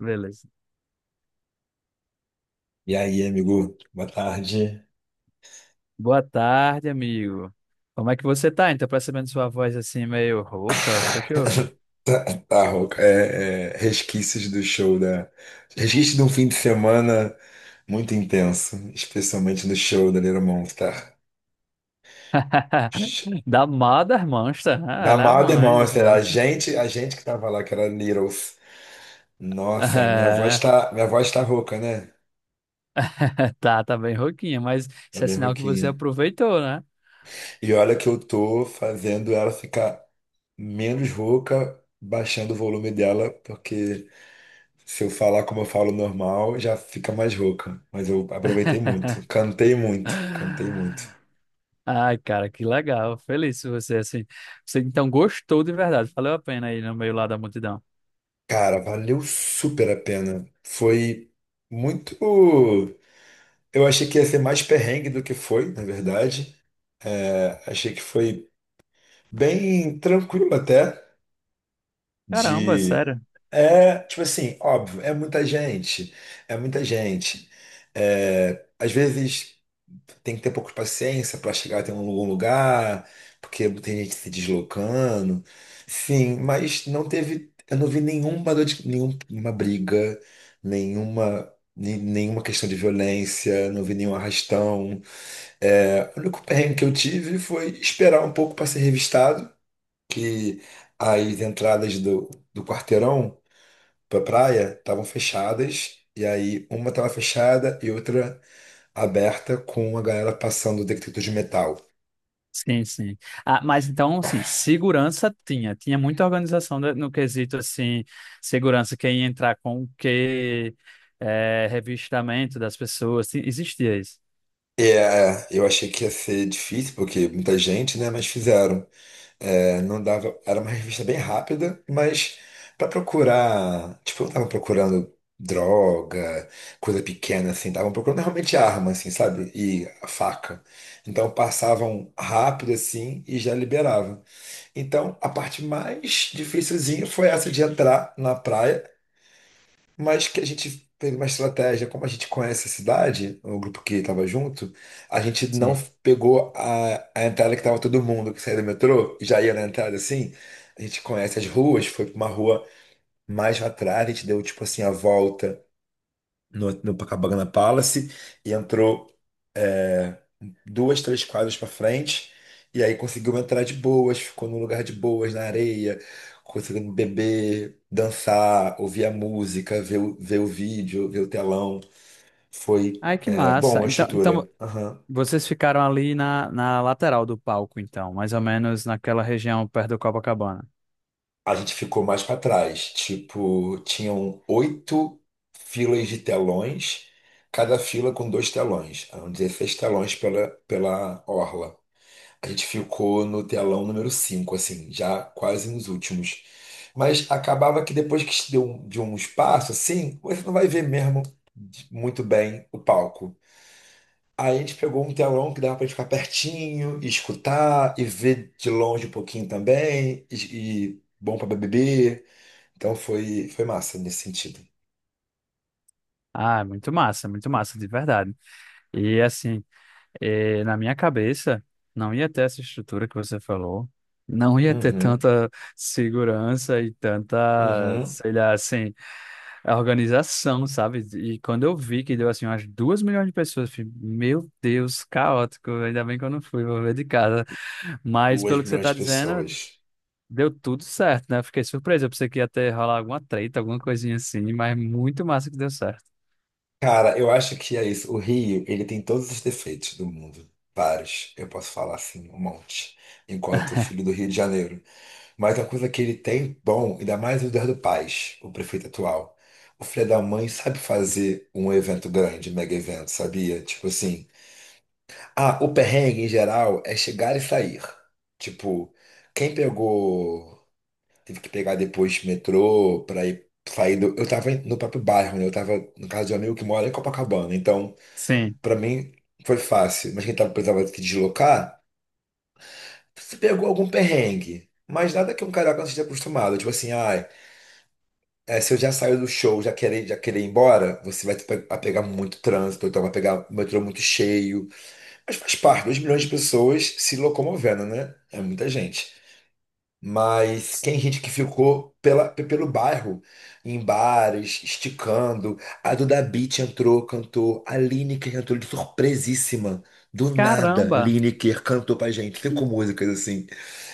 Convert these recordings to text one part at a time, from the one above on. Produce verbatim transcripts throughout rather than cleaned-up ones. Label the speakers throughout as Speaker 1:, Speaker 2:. Speaker 1: Beleza.
Speaker 2: E aí, amigo? Boa tarde.
Speaker 1: Boa tarde, amigo. Como é que você tá? Então, percebendo sua voz assim meio rouca, foi que houve?
Speaker 2: Tá, tá, Roca. É, é, resquícios do show da. Resquícios de um fim de semana muito intenso, especialmente no show da Little Monster.
Speaker 1: Da Mother Monster, né?
Speaker 2: Da
Speaker 1: Ela é a
Speaker 2: Mother
Speaker 1: mãe dos
Speaker 2: Monster, a
Speaker 1: monstros.
Speaker 2: gente, a gente que tava lá, que era Littles. Nossa, minha voz
Speaker 1: É.
Speaker 2: tá, minha voz tá rouca, né?
Speaker 1: Tá, tá bem rouquinha, mas
Speaker 2: Tá
Speaker 1: isso é
Speaker 2: bem
Speaker 1: sinal que você
Speaker 2: rouquinha.
Speaker 1: aproveitou, né?
Speaker 2: E olha que eu tô fazendo ela ficar menos rouca, baixando o volume dela, porque. Se eu falar como eu falo normal, já fica mais rouca. Mas eu aproveitei muito. Cantei muito. Cantei muito.
Speaker 1: Ai, cara, que legal. Feliz por você, assim. Você então gostou de verdade. Valeu a pena aí no meio lá da multidão.
Speaker 2: Cara, valeu super a pena. Foi muito. Eu achei que ia ser mais perrengue do que foi, na verdade. É, achei que foi bem tranquilo até.
Speaker 1: Caramba,
Speaker 2: De.
Speaker 1: sério.
Speaker 2: É, tipo assim, óbvio, é muita gente. É muita gente. É, às vezes tem que ter pouco de paciência para chegar até um algum lugar, porque tem gente se deslocando. Sim, mas não teve. Eu não vi nenhuma, dor de- nenhum- nenhuma briga, nenhuma. ne- Nenhuma questão de violência, não vi nenhum arrastão. É, o único perrengue que eu tive foi esperar um pouco para ser revistado que as entradas do, do quarteirão para praia estavam fechadas, e aí uma estava fechada e outra aberta com a galera passando detector de metal.
Speaker 1: Sim, sim. Ah, mas então, assim, segurança tinha. Tinha muita organização da- no quesito, assim, segurança, quem ia entrar com o quê, eh, revistamento das pessoas. ti- Existia isso.
Speaker 2: É, eu achei que ia ser difícil, porque muita gente, né? Mas fizeram. É, não dava, era uma revista bem rápida, mas para procurar, tipo, não tava procurando droga, coisa pequena assim, estavam procurando realmente arma assim, sabe? E a faca. Então passavam rápido assim e já liberava. Então a parte mais dificilzinha foi essa de entrar na praia, mas que a gente fez uma estratégia, como a gente conhece a cidade, o grupo que estava junto, a gente não
Speaker 1: Sim.
Speaker 2: pegou a, a entrada que estava todo mundo que saía do metrô e já ia na entrada assim. A gente conhece as ruas, foi para uma rua mais lá atrás, a gente deu tipo assim a volta no, no Copacabana Palace e entrou duas, três quadras para frente. E aí conseguiu entrar de boas, ficou num lugar de boas, na areia, conseguindo beber, dançar, ouvir a música, ver, o- ver o vídeo, ver o telão. Foi,
Speaker 1: Ai, que
Speaker 2: é, bom
Speaker 1: massa.
Speaker 2: a
Speaker 1: Então, então
Speaker 2: estrutura. Aham.
Speaker 1: vocês ficaram ali na, na lateral do palco, então, mais ou menos naquela região perto do Copacabana.
Speaker 2: A gente ficou mais para trás. Tipo, tinham oito filas de telões, cada fila com dois telões. Eram dezesseis telões pela, pela orla. A gente ficou no telão número cinco, assim, já quase nos últimos. Mas acabava que depois que se deu um- de um espaço, assim, você não vai ver mesmo de- muito bem o palco. Aí a gente pegou um telão que dava pra gente ficar pertinho, e escutar e ver de longe um pouquinho também, e, e bom pra beber. Então foi, foi massa nesse sentido.
Speaker 1: Ah, muito massa, muito massa, de verdade. E assim. E na minha cabeça, não ia ter essa estrutura que você falou, não ia ter
Speaker 2: Uhum,
Speaker 1: tanta segurança e tanta,
Speaker 2: uhum.
Speaker 1: sei lá, assim, organização, sabe? E quando eu vi que deu, assim, umas duas milhões de pessoas, eu falei, meu Deus, caótico, ainda bem que eu não fui, vou ver de casa. Mas,
Speaker 2: Duas
Speaker 1: pelo que você
Speaker 2: milhões
Speaker 1: tá
Speaker 2: de
Speaker 1: dizendo,
Speaker 2: pessoas.
Speaker 1: deu tudo certo, né? Eu fiquei surpreso, eu pensei que ia ter rolar alguma treta, alguma coisinha assim, mas muito massa que deu certo.
Speaker 2: Cara, eu acho que é isso. O Rio, ele tem todos os defeitos do mundo. Vários. Eu posso falar assim, um monte. Enquanto filho do Rio de Janeiro. Mas a coisa que ele tem, bom, ainda mais o Eduardo Paes, o prefeito atual. O filho da mãe sabe fazer um evento grande, um mega evento, sabia? Tipo assim. Ah, o perrengue em geral é chegar e sair. Tipo, quem pegou. Teve que pegar depois metrô pra ir sair do. Eu tava no próprio bairro, né? Eu tava no caso de um amigo que mora em Copacabana. Então.
Speaker 1: Sim.
Speaker 2: Pra mim foi fácil, mas quem tava, precisava se deslocar, se pegou algum perrengue. Mas nada que um carioca não esteja acostumado. Tipo assim, ai, é, se eu já saio do show, já querer, já querer ir embora, você vai pe- a pegar muito trânsito, então vai pegar o metrô muito cheio. Mas faz parte, dois milhões de pessoas se locomovendo, né? É muita gente. Mas tem gente que ficou pela, pe- pelo bairro, em bares, esticando. A Duda Beat entrou, cantou. A Lineker entrou de surpresíssima. Do nada,
Speaker 1: Caramba,
Speaker 2: Lineker cantou pra gente.
Speaker 1: que,
Speaker 2: Cinco músicas assim.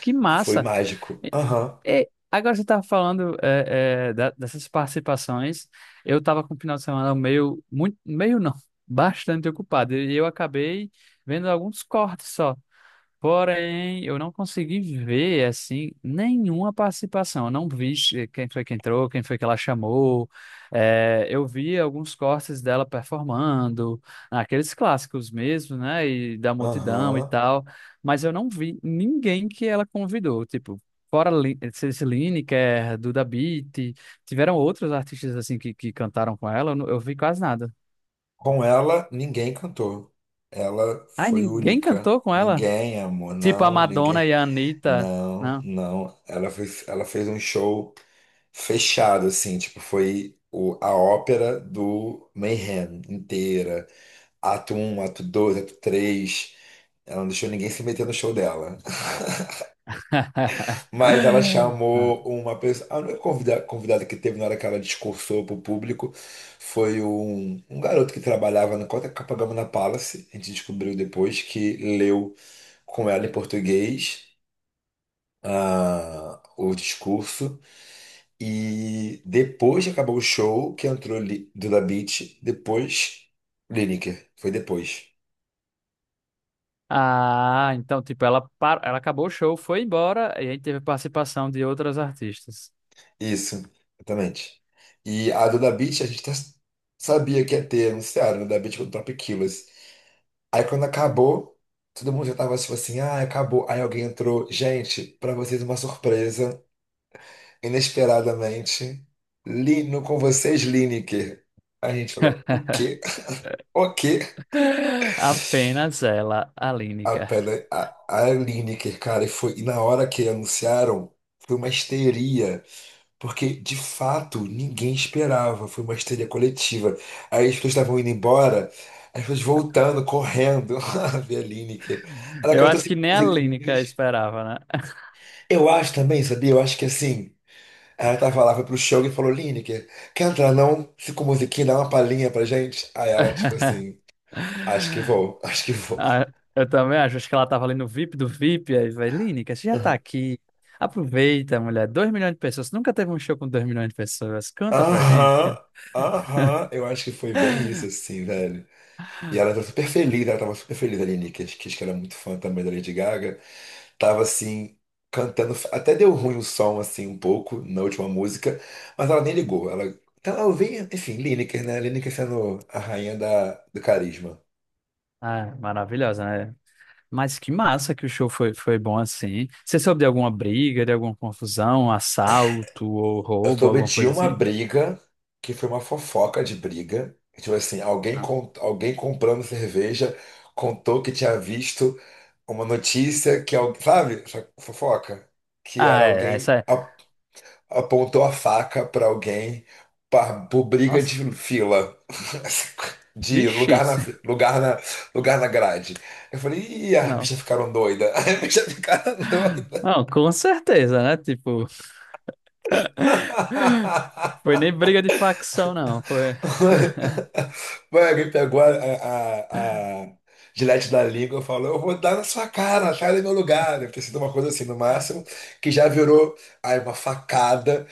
Speaker 1: que
Speaker 2: Foi
Speaker 1: massa!
Speaker 2: mágico. Aham,
Speaker 1: É, agora você estava falando é, é, da- dessas participações. Eu estava com o final de semana meio, muito, meio não, bastante ocupado. E eu acabei vendo alguns cortes só. Porém, eu não consegui ver, assim, nenhuma participação. Eu não vi che- quem foi que entrou, quem foi que ela chamou. É, eu vi alguns cortes dela performando, aqueles clássicos mesmo, né? E da multidão e
Speaker 2: aham.
Speaker 1: tal. Mas eu não vi ninguém que ela convidou. Tipo, fora Lin- Ceci Lineker, Duda Beat, tiveram outros artistas, assim, que, que cantaram com ela. Eu, não- eu vi quase nada.
Speaker 2: Com ela, ninguém cantou. Ela
Speaker 1: Ai,
Speaker 2: foi
Speaker 1: ninguém
Speaker 2: única.
Speaker 1: cantou com ela?
Speaker 2: Ninguém, amor,
Speaker 1: Tipo a
Speaker 2: não,
Speaker 1: Madonna
Speaker 2: ninguém.
Speaker 1: e a Anitta.
Speaker 2: Não,
Speaker 1: Né?
Speaker 2: não. Ela fez, ela fez um show fechado, assim, tipo, foi o, a ópera do Mayhem inteira. Ato um, ato dois, ato três. Ela não deixou ninguém se meter no show dela. Mas ela chamou uma pessoa. A única convida- convidada que teve na hora que ela discursou pro público foi um, um garoto que trabalhava na Copacabana Palace. A gente descobriu depois que leu com ela em português ah, o discurso. E depois que acabou o show, que entrou Li- Duda Beat, depois Lineker. Foi depois.
Speaker 1: Ah, então, tipo, ela, par... ela acabou o show, foi embora e aí teve participação de outras artistas.
Speaker 2: Isso, exatamente. E a Duda Beat, a gente até sabia que ia ter, anunciaram, Duda Beat com o Top Killers. Aí quando acabou, todo mundo já tava tipo assim, ah, acabou. Aí alguém entrou, gente, pra vocês uma surpresa, inesperadamente, Lino com vocês, Lineker. Aí a gente falou, o quê? O quê?
Speaker 1: Apenas ela, a
Speaker 2: A,
Speaker 1: Lineker.
Speaker 2: Pele- a, a Lineker, cara, e foi, e na hora que anunciaram, foi uma histeria, porque de fato ninguém esperava, foi uma histeria coletiva. Aí as pessoas estavam indo embora, as pessoas voltando, correndo, a ver a Lineker. Ela
Speaker 1: Eu
Speaker 2: cantou
Speaker 1: acho que
Speaker 2: cinco
Speaker 1: nem a Lineker
Speaker 2: musiquinhas.
Speaker 1: esperava, né?
Speaker 2: Eu acho também, sabia? Eu acho que assim, ela tava lá, foi pro show e falou: Lineker, quer entrar não? Cinco musiquinhas, dá uma palhinha pra gente. Aí ela, tipo assim, acho que vou, acho que vou.
Speaker 1: Ah, eu também acho, acho que ela tava ali no V I P do V I P, aí vai, Lineker, você já tá aqui. Aproveita, mulher. Dois milhões de pessoas. Nunca teve um show com dois milhões de pessoas. Canta pra gente.
Speaker 2: Aham, aham, eu acho que foi bem isso, assim, velho. E ela tava super feliz, ela tava super feliz ali, Nick, acho que acho que ela é muito fã também da Lady Gaga. Tava, assim, cantando, até deu ruim o som, assim, um pouco, na última música, mas ela nem ligou. Ela, então, ela ouvia, enfim, Lineker, né? Lineker sendo a rainha da, do carisma.
Speaker 1: Ah, maravilhosa, né? Mas que massa que o show foi, foi bom assim. Você soube de alguma briga, de alguma confusão, assalto ou
Speaker 2: Eu
Speaker 1: roubo,
Speaker 2: soube
Speaker 1: alguma
Speaker 2: de
Speaker 1: coisa
Speaker 2: uma
Speaker 1: assim?
Speaker 2: briga que foi uma fofoca de briga. Tipo assim, alguém,
Speaker 1: Não.
Speaker 2: con- alguém comprando cerveja contou que tinha visto uma notícia que alguém, sabe, essa fofoca, que era
Speaker 1: Ah, é, essa
Speaker 2: alguém
Speaker 1: é.
Speaker 2: a- apontou a faca pra alguém pa- por briga
Speaker 1: Nossa,
Speaker 2: de fila, de
Speaker 1: vixe,
Speaker 2: lugar na
Speaker 1: isso-
Speaker 2: fi- lugar na lugar na grade. Eu falei, ih, as bichas
Speaker 1: nossa.
Speaker 2: ficaram doidas. As bichas ficaram doidas.
Speaker 1: Não, com certeza, né? Tipo, foi nem briga de facção, não. Foi...
Speaker 2: Mano, alguém pegou a, a, a gilete da língua e falou: Eu vou dar na sua cara, sai do meu lugar. Deve ter sido uma coisa assim, no máximo, que já virou aí uma facada.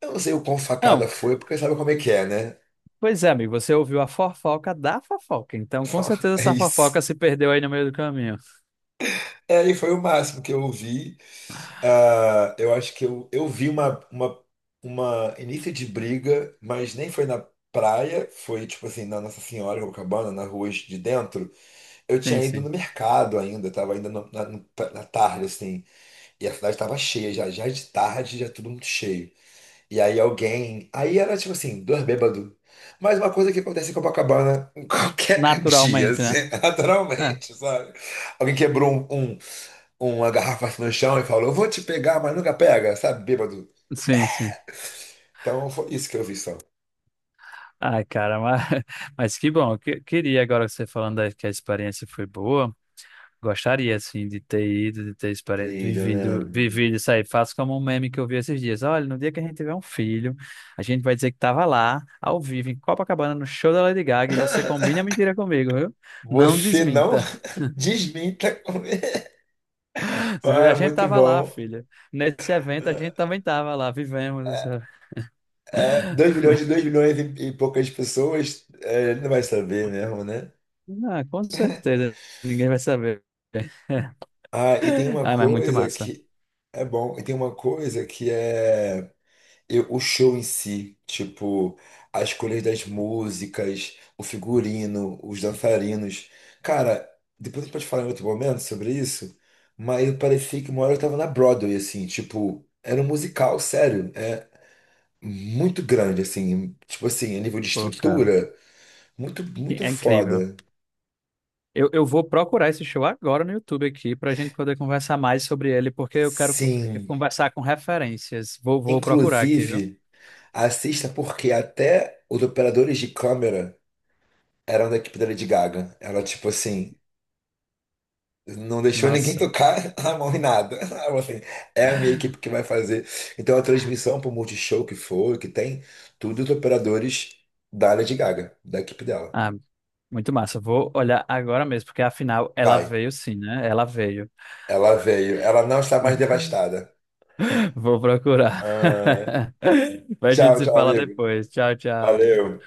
Speaker 2: Eu não sei o quão facada
Speaker 1: Não,
Speaker 2: foi, porque sabe como é que é, né?
Speaker 1: pois é, amigo, você ouviu a fofoca da fofoca. Então, com certeza,
Speaker 2: É
Speaker 1: essa
Speaker 2: isso.
Speaker 1: fofoca se perdeu aí no meio do caminho.
Speaker 2: É, e foi o máximo que eu vi. Ah, eu acho que eu, eu vi uma, uma, uma início de briga, mas nem foi na praia, foi tipo assim, na Nossa Senhora, em Copacabana, na rua de dentro. Eu
Speaker 1: Sim,
Speaker 2: tinha ido no
Speaker 1: sim.
Speaker 2: mercado ainda, tava ainda no- na, no- na tarde, assim, e a cidade tava cheia já, já de tarde, já tudo muito cheio. E aí alguém. Aí era tipo assim, dois bêbados. Mas uma coisa que acontece em Copacabana em qualquer dia,
Speaker 1: Naturalmente, né?
Speaker 2: assim,
Speaker 1: É,
Speaker 2: naturalmente, sabe? Alguém quebrou um, um- uma garrafa assim no chão e falou: Eu vou te pegar, mas nunca pega, sabe, bêbado?
Speaker 1: sim, sim.
Speaker 2: Então foi isso que eu vi só.
Speaker 1: Ai, cara, mas, mas que bom. Que- queria agora que você falando da- que a experiência foi boa. Gostaria, assim, de ter ido, de ter experi-
Speaker 2: Querido,
Speaker 1: vivido,
Speaker 2: né?
Speaker 1: vivido isso aí. Faço como um meme que eu vi esses dias. Olha, no dia que a gente tiver um filho, a gente vai dizer que tava lá, ao vivo, em Copacabana, no show da Lady Gaga, e você combina a mentira comigo, viu? Não
Speaker 2: Você não
Speaker 1: desminta.
Speaker 2: desminta comigo.
Speaker 1: A
Speaker 2: Ah,
Speaker 1: gente
Speaker 2: muito
Speaker 1: tava lá,
Speaker 2: bom.
Speaker 1: filha. Nesse evento, a gente também tava lá, vivemos essa...
Speaker 2: É, dois milhões de dois milhões e, e poucas pessoas, é, ele não vai saber mesmo, né?
Speaker 1: Ah, com certeza, ninguém vai saber.
Speaker 2: Ah, e tem uma
Speaker 1: Ah, mas muito
Speaker 2: coisa
Speaker 1: massa.
Speaker 2: que é bom, e tem uma coisa que é eu- o show em si, tipo, as escolhas das músicas, o figurino, os dançarinos. Cara, depois a gente pode falar em outro momento sobre isso, mas eu parecia que uma hora eu tava na Broadway, assim, tipo, era um musical, sério, é muito grande, assim, tipo assim, a nível de
Speaker 1: Pô, cara.
Speaker 2: estrutura, muito,
Speaker 1: Que
Speaker 2: muito
Speaker 1: é incrível.
Speaker 2: foda.
Speaker 1: Eu, eu vou procurar esse show agora no YouTube aqui para a gente poder conversar mais sobre ele, porque eu quero
Speaker 2: Sim.
Speaker 1: conversar com referências. Vou, vou procurar aqui, viu?
Speaker 2: Inclusive, assista porque até os operadores de câmera eram da equipe da Lady Gaga. Ela, tipo assim, não deixou ninguém
Speaker 1: Nossa.
Speaker 2: tocar a mão em nada. Ela falou assim, é a minha equipe que vai fazer. Então a transmissão pro Multishow que for, que tem, tudo os operadores da Lady Gaga, da equipe dela.
Speaker 1: Ah, muito massa. Vou olhar agora mesmo, porque afinal ela
Speaker 2: Vai.
Speaker 1: veio sim, né? Ela veio.
Speaker 2: Ela veio. Ela não está mais devastada.
Speaker 1: Vou procurar.
Speaker 2: Ah, é.
Speaker 1: Mas a gente
Speaker 2: Tchau,
Speaker 1: se
Speaker 2: tchau,
Speaker 1: fala
Speaker 2: amigo.
Speaker 1: depois. Tchau, tchau, amigo.
Speaker 2: Valeu.